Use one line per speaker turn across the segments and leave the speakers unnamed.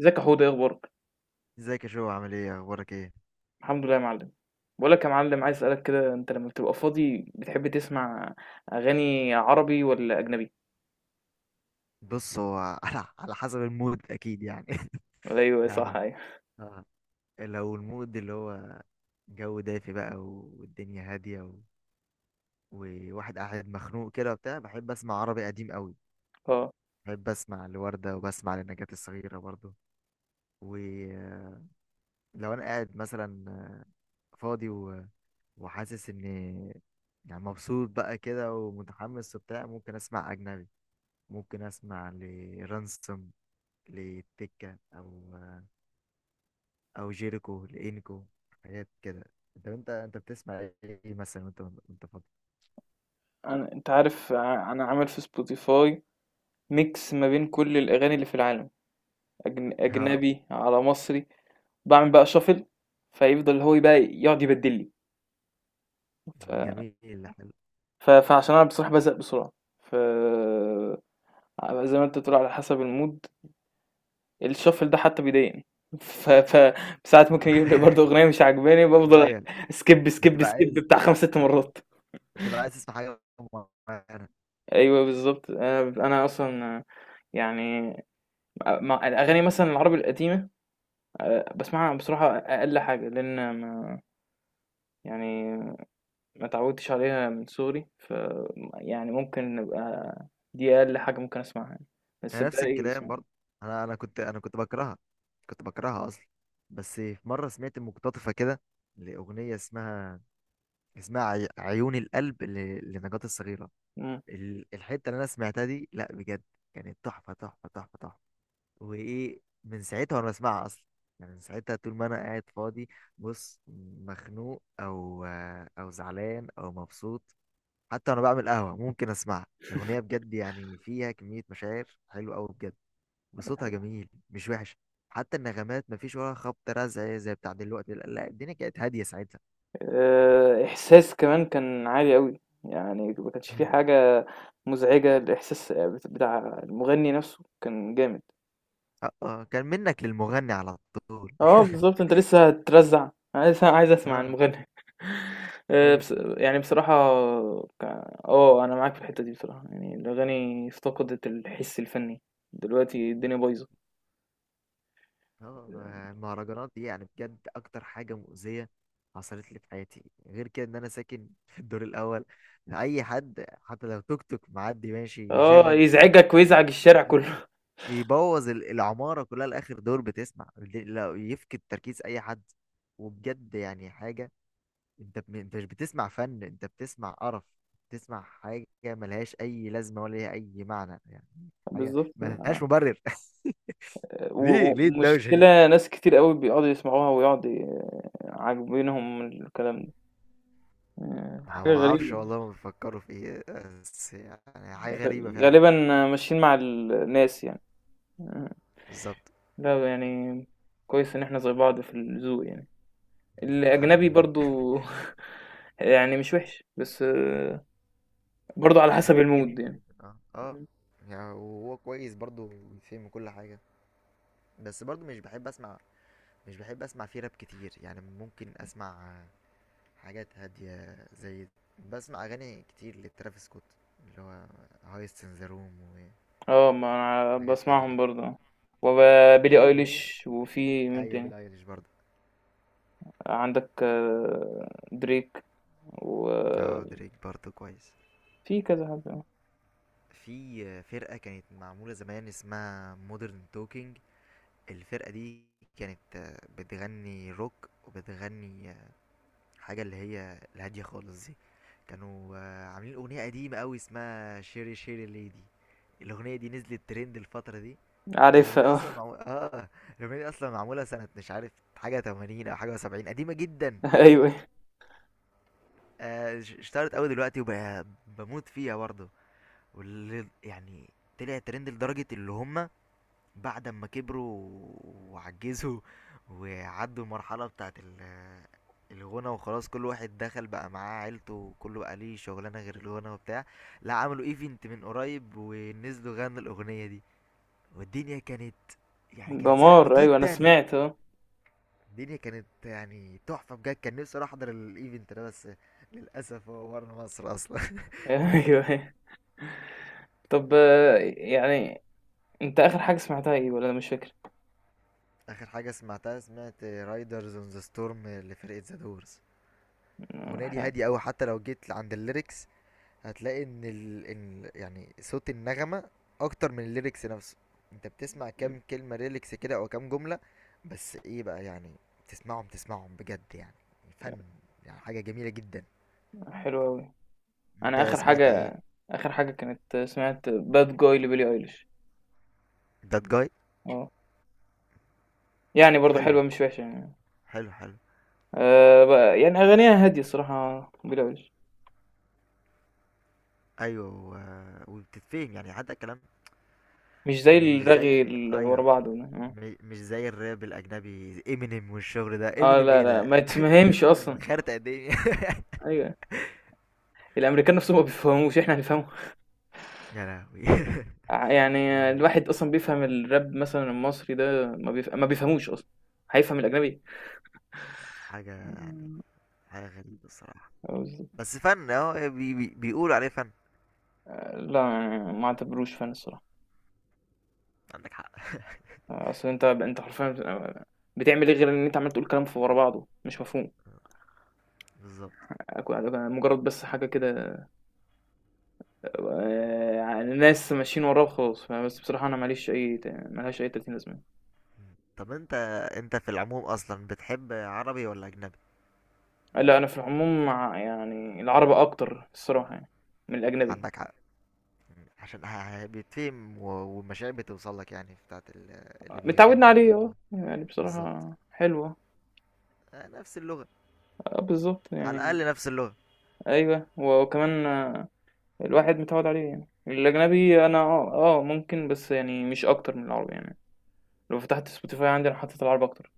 ازيك يا حوده؟ ايه اخبارك؟
ازيك يا شو؟ عامل ايه؟ اخبارك ايه؟
الحمد لله يا معلم. بقول لك يا معلم، عايز اسالك كده، انت لما بتبقى فاضي بتحب تسمع اغاني عربي ولا اجنبي؟
بص، هو على حسب المود اكيد يعني.
ولا ايوه صح،
يعني
ايوه،
آه. لو المود اللي هو جو دافي بقى والدنيا هاديه وواحد قاعد مخنوق كده وبتاع، بحب اسمع عربي قديم قوي.
اه.
بحب اسمع لوردة وبسمع لنجاة الصغيرة برضو. ولو انا قاعد مثلا فاضي وحاسس ان يعني مبسوط بقى كده ومتحمس وبتاع، ممكن اسمع اجنبي. ممكن اسمع لرانسوم لتكة او جيريكو لإنكو، حاجات كده. انت بتسمع ايه مثلا، وانت فاضي؟
انا، انت عارف، انا عامل في سبوتيفاي ميكس ما بين كل الاغاني اللي في العالم،
ها،
اجنبي على مصري. بعمل بقى شافل، فيفضل هو بقى يقعد يبدل لي، ف...
جميل، حلو.
فعشان انا بصراحه بزهق بسرعه، ف زي ما انت بتقول على حسب المود. الشفل ده حتى بيضايقني، ف ف ساعات ممكن يجيب لي برضه أغنية مش عاجباني، بافضل
غير.
سكيب سكيب
بتبقى
سكيب
عايز،
بتاع 5 6
ها؟
مرات.
بتبقى عايز تسمع حاجه معينه؟
أيوه بالضبط. أنا أصلًا، يعني مع الأغاني مثلًا العربي القديمة، باسمعها بصراحة أقل حاجة، لإن ما، يعني، ما اتعودتش عليها من صغري، يعني ممكن نبقى، دي أقل حاجة ممكن أسمعها يعني، بس
يعني نفس
الباقي
الكلام
باسمعه.
برضه. انا كنت بكرهها اصلا. بس في مره سمعت مقتطفه كده لاغنيه اسمها عيون القلب لنجاة الصغيره.
إمم.
الحته اللي انا سمعتها دي لا، بجد كانت تحفه تحفه تحفه تحفه. وايه، من ساعتها وانا بسمعها اصلا. يعني من ساعتها طول ما انا قاعد فاضي، بص، مخنوق او زعلان او مبسوط، حتى وانا بعمل قهوه ممكن اسمعها. الاغنيه بجد يعني فيها كميه مشاعر حلوه قوي بجد. وصوتها جميل، مش وحش. حتى النغمات، مفيش ولا خبط رزع زي بتاع دلوقتي، لا لا، الدنيا كانت هاديه ساعتها.
إحساس كمان كان عالي أوي، يعني ما كانش في
مم.
حاجة مزعجة، الإحساس بتاع المغني نفسه كان جامد.
اه، آه، كان منك للمغني على طول.
آه بالضبط، أنت لسه هترزّع، أنا لسه عايز أسمع
اه.
المغني.
ايوه.
بص يعني بصراحة، ك آه، أنا معاك في الحتّة دي بصراحة، يعني الأغاني افتقدت الحِس الفني، دلوقتي الدنيا بايظة.
اه، المهرجانات دي يعني بجد اكتر حاجه مؤذيه حصلت لي في حياتي، غير كده ان انا ساكن في الدور الاول. اي حد حتى لو توك توك معدي ماشي
آه،
يشغل.
يزعجك ويزعج الشارع
آه.
كُلّه.
بيبوظ العماره كلها لاخر دور بتسمع، لو يفقد تركيز اي حد. وبجد يعني حاجه. انت مش بتسمع فن، انت بتسمع قرف. بتسمع حاجه ملهاش اي لازمه ولا ليها اي معنى يعني. حاجه
بالضبط.
ملهاش مبرر.
و-
ليه ليه الدوشة دي؟
ومشكلة ناس كتير قوي بيقعدوا يسمعوها ويقعدوا عاجبينهم الكلام ده. آه،
ما
حاجة
ما اعرفش
غريبة.
والله، ما بيفكروا في ايه؟ بس يعني حاجه غريبه فعلا.
غالبا ماشيين مع الناس يعني. آه،
بالظبط.
لا يعني كويس ان احنا زي بعض في الذوق يعني،
الحمد
الاجنبي
لله.
برضو. يعني مش وحش، بس برضو على حسب
الاجنبي
المود
جميل
يعني.
جدا، اه اه. يعني وهو كويس برضو بيفهم كل حاجه. بس برضو مش بحب اسمع فيه راب كتير. يعني ممكن اسمع حاجات هاديه زي، بسمع اغاني كتير لترافيس سكوت، اللي هو هايست ان ذا روم،
اه، ما انا
وحاجات تانية
بسمعهم
كده.
برضو.
في
وبيلي
اغنيه.
ايليش، وفي مين
ايوه
تاني؟
بيلي ايليش برضو.
عندك دريك،
اه
وفي
دريك برضو كويس.
كذا حد.
في فرقة كانت معمولة زمان اسمها مودرن توكينج. الفرقة دي كانت بتغني روك وبتغني حاجة اللي هي الهادية خالص دي. كانوا عاملين أغنية قديمة أوي اسمها شيري شيري ليدي. الأغنية دي نزلت ترند الفترة دي. الأغنية
عارفها
دي
آه.
أصلا معمولة الأغنية دي أصلا معمولة سنة مش عارف حاجة 80 أو حاجة 70، قديمة جدا.
أيوه،
اشتهرت أوي دلوقتي وبموت فيها برضه. واللي يعني طلع ترند لدرجة اللي هم بعد ما كبروا وعجزوا وعدوا المرحلة بتاعت الغنى وخلاص، كل واحد دخل بقى معاه عيلته وكله بقى ليه شغلانة غير الغنى وبتاع، لا عملوا ايفنت من قريب ونزلوا غنوا الأغنية دي. والدنيا كانت يعني كانت زحمة
دمار. أيوه، أنا
جدا.
سمعت آه.
الدنيا كانت يعني تحفة بجد. كان نفسي اروح احضر الايفنت ده، بس للأسف هو ورا مصر أصلا.
أيوه، أيوه. طب، يعني أنت آخر حاجة سمعتها إيه، والّا أنا مش فاكر؟
آخر حاجة سمعتها، سمعت رايدرز اون ذا ستورم لفرقة ذا دورز.
آه،
الأغنية دي هادية أوي، حتى لو جيت عند الليركس هتلاقي إن يعني صوت النغمة اكتر من الليركس نفسه. انت بتسمع كام كلمة ليركس كده او كام جملة، بس ايه بقى يعني؟ تسمعهم تسمعهم بجد يعني فن، يعني حاجة جميلة جدا.
حلو أوي. أنا
انت
آخر
سمعت ايه؟
حاجة آخر حاجة كانت، سمعت Bad Guy لBillie Eilish.
دات جاي.
آه. يعني برضه
حلو
حلوة مش وحشة يعني.
حلو حلو.
ب يعني أغانيها هادية الصراحة Billie Eilish.
ايوه وبتتفهم يعني حتى الكلام.
مش زي
مش
الرغي
زي،
اللي ورا
ايوه،
بعضه ده، آه.
مش زي الراب الاجنبي. امينيم والشغل ده،
آه،
امينيم
لا،
ايه
لا، ما
ده؟
يتفهمش
امينيم
أصلًا.
خارطة الدنيا.
أيوه، الأمريكان نَفْسهم ما بيفهموش، إحنا هنفهمهم؟
يا لهوي.
يعني
وين.
الواحد أصلًا بيفهم الراب مثلًا المصري ده ما بيفهموش أصلًا، هيفهم الأجنبي؟
حاجة،
إمم.
حاجة غريبة الصراحة.
قصدي،
بس فن اهو، بي بي بيقولوا عليه فن.
لأ، يعني ما اعتبروش فن الصراحة.
عندك حق.
أصل أنت حرفيًا بتبقى بتعمل إيه غير إن أنت عمّال تقول كلام ورا بعضه مش مفهوم،
بالظبط.
مجرد بس حاجة كده، ناس ماشيين وراه وخلاص، فبس بصراحة أنا ما لهاش أي 30 لازمة.
مم. طب انت في العموم اصلا بتحب عربي ولا اجنبي؟
لأ، أنا في العموم مع، يعني، العربي أكتر الصراحة، يعني من الأجنبي،
عندك حق. مم. عشان بيتفهم والمشاعر بتوصل لك، يعني بتاعت اللي
متعودنا
بيغني
عليه،
اللي.
يعني
بالظبط.
بصراحة حلو آه.
آه، نفس اللغة.
آه بالضبط
على
يعني.
الاقل نفس اللغة.
أيوه، وكمان، الواحد متعوّد عليه يعني. الأجنبي أنا ممكن، بس يعني مش أكتر من العربي يعني. لو فتحت spotify عندي أنا حطيت العربي أكتر.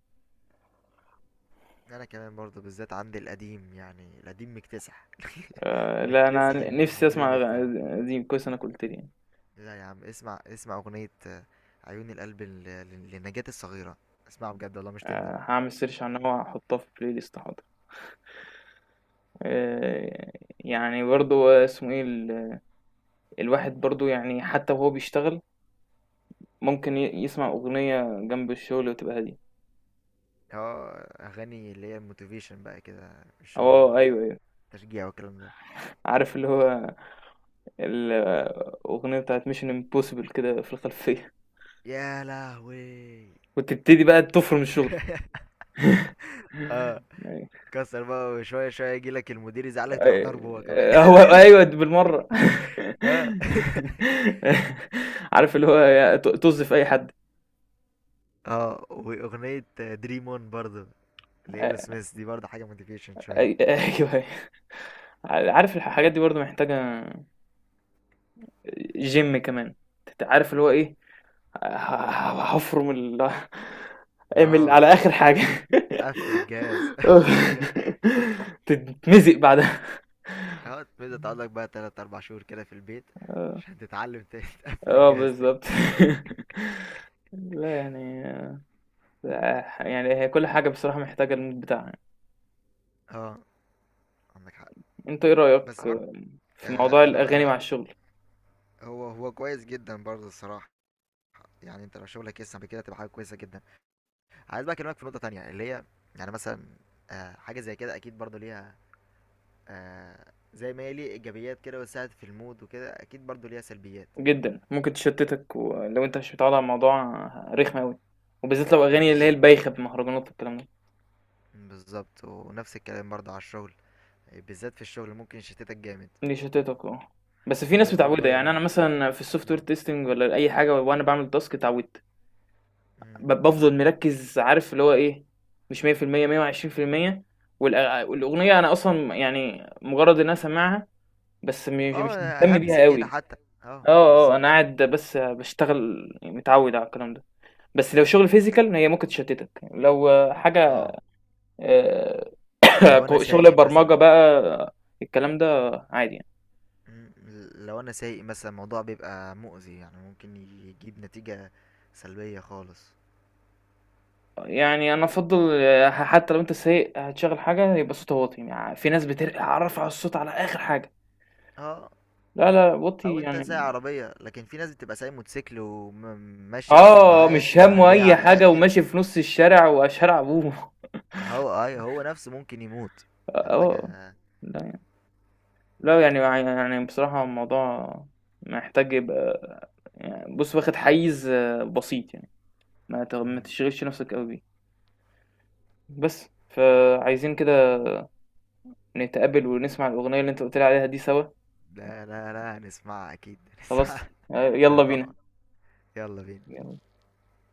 انا كمان برضو، بالذات عندي القديم، يعني القديم مكتسح.
لأ،
مكتسح
أنا نفسي
البلاي
أسمع
ليست عندي.
قديم، كويس إنّك قُلت لي يعني.
لا يا عم، اسمع اسمع اغنية عيون القلب لنجاة الصغيرة. اسمعها بجد، والله مش تندم.
هاعمل search عنها وهاحطها في الplay list، حاضر. آآ يعني برضه اسمه إيه، الواحد برضه، يعني، حتّى وهو بيشتغل ممكن يسمع أغنية جنب الشغل وتبقى هادية.
اه، اغاني اللي هي الموتيفيشن بقى كده،
آه
الشغل،
أيوه، أيوه.
التشجيع والكلام ده.
عارف اللي هو الأغنية بتاعة Mission Impossible كده في الخلفية.
يا لهوي.
وتبتدي بقى تفرم الشغل.
اه،
أيوة.
كسر بقى، وشوية شوية يجيلك المدير، يزعلك تروح ضربه هو كمان.
آه، هو أيوه بالمرة.
اه.
عارف اللي هو طز في أي حد.
اه، واغنية دريم اون برضه لايرو
آه،
سميث دي برضه حاجة موتيفيشن شوية.
أيوه. عارف الحاجات دي برضه محتاجة جيم كمان، أنت عارف اللي هو إيه، هفرم اعمل
اه،
على آخر حاجة.
قفل الجهاز. قفل الجهاز.
تتمزق بعدها.
اه، تبدأ تقعد لك بقى تلات أربع شهور كده في البيت عشان تتعلم تاني. تقفل
اه
الجهاز تاني.
بالظبط. لا يعني، لا، يعني هي كل حاجة بصراحة محتاجة المود بتاعها.
اه. عندك حق.
انت ايه رأيك
بس برضه
في موضوع
آه، انا
الأغاني
انا
مع الشغل؟
هو كويس جدا برضه الصراحة. يعني انت لو شغلك يسمح بكده تبقى حاجة كويسة جدا. عايز بقى اكلمك في نقطة تانية اللي هي، يعني مثلا آه حاجة زي كده اكيد برضه ليها، آه زي ما هي ليه ايجابيات كده وساعد في المود وكده اكيد برضه ليها سلبيات.
جدا ممكن تشتتك، ولو انت مش متعود على الموضوع رخم أوي، وبالذات لو أغاني اللي هي
بالظبط،
البايخة، بمهرجانات والكلام ده.
بالظبط ونفس الكلام برضه على الشغل. بالذات في الشغل ممكن يشتتك جامد.
دي شتتك اه، بس في ناس
غير برضو
متعودة، يعني أنا مثلا في السوفت وير تيستنج ولا أي حاجة وأنا بعمل تاسك اتعودت،
مم.
بافضل مركّز، عارف اللي هو إيه، مش 100% 120%. والأ والأغنية أنا أصلًا، يعني مجرّد إن أنا سامعها، بس مش
اه،
مهتم
همس
بيها
كده
أوي.
حتى. اه،
آه، آه،
بالظبط.
أنا قاعد بس باشتغل، متعوّد على الكلام ده. بس لو شغل physical هي ممكن تشتتك، لو حاجة،
اه،
آآ ك
لو انا
شغل
سايق مثلا،
برمجة بقى الكلام ده عادي يعني.
م- الموضوع بيبقى مؤذي يعني ممكن يجيب نتيجة سلبية خالص.
يعني أنا أفضّل، حتى لو أنت سايق هتشغّل حاجة يبقى صوتها واطي. في ناس رافعة الصوت على آخر حاجة.
اه،
لا، لا،
او
وطّي
انت سايق
يعني.
عربية، لكن في ناس بتبقى سايق موتوسيكل وماشية
آه،
بالسماعات
مش
مع
هَمّه
اللي هي
أي
على
حاجة
الاخر.
وماشي في نُص الشارع وشارع أبوه.
هو نفسه ممكن يموت.
آه،
يعني
آه.
حاجة.
لأ يعني لأ يعني يع يعني بصراحة الموضوع محتاج يبقى، يعني بُص، واخد حيّز بسيط يعني، ما
مم.
تشغلش نَفْسك أوي بيه. بس فعايزين كده نتقابل ونسمع الأغنية اللي أنت قُلت لي عليها دي سوا.
لا لا لا، هنسمعها اكيد،
خلاص.
هنسمعها. ده
يالّا بينا.
تحفة. يلا بينا.
يالّا.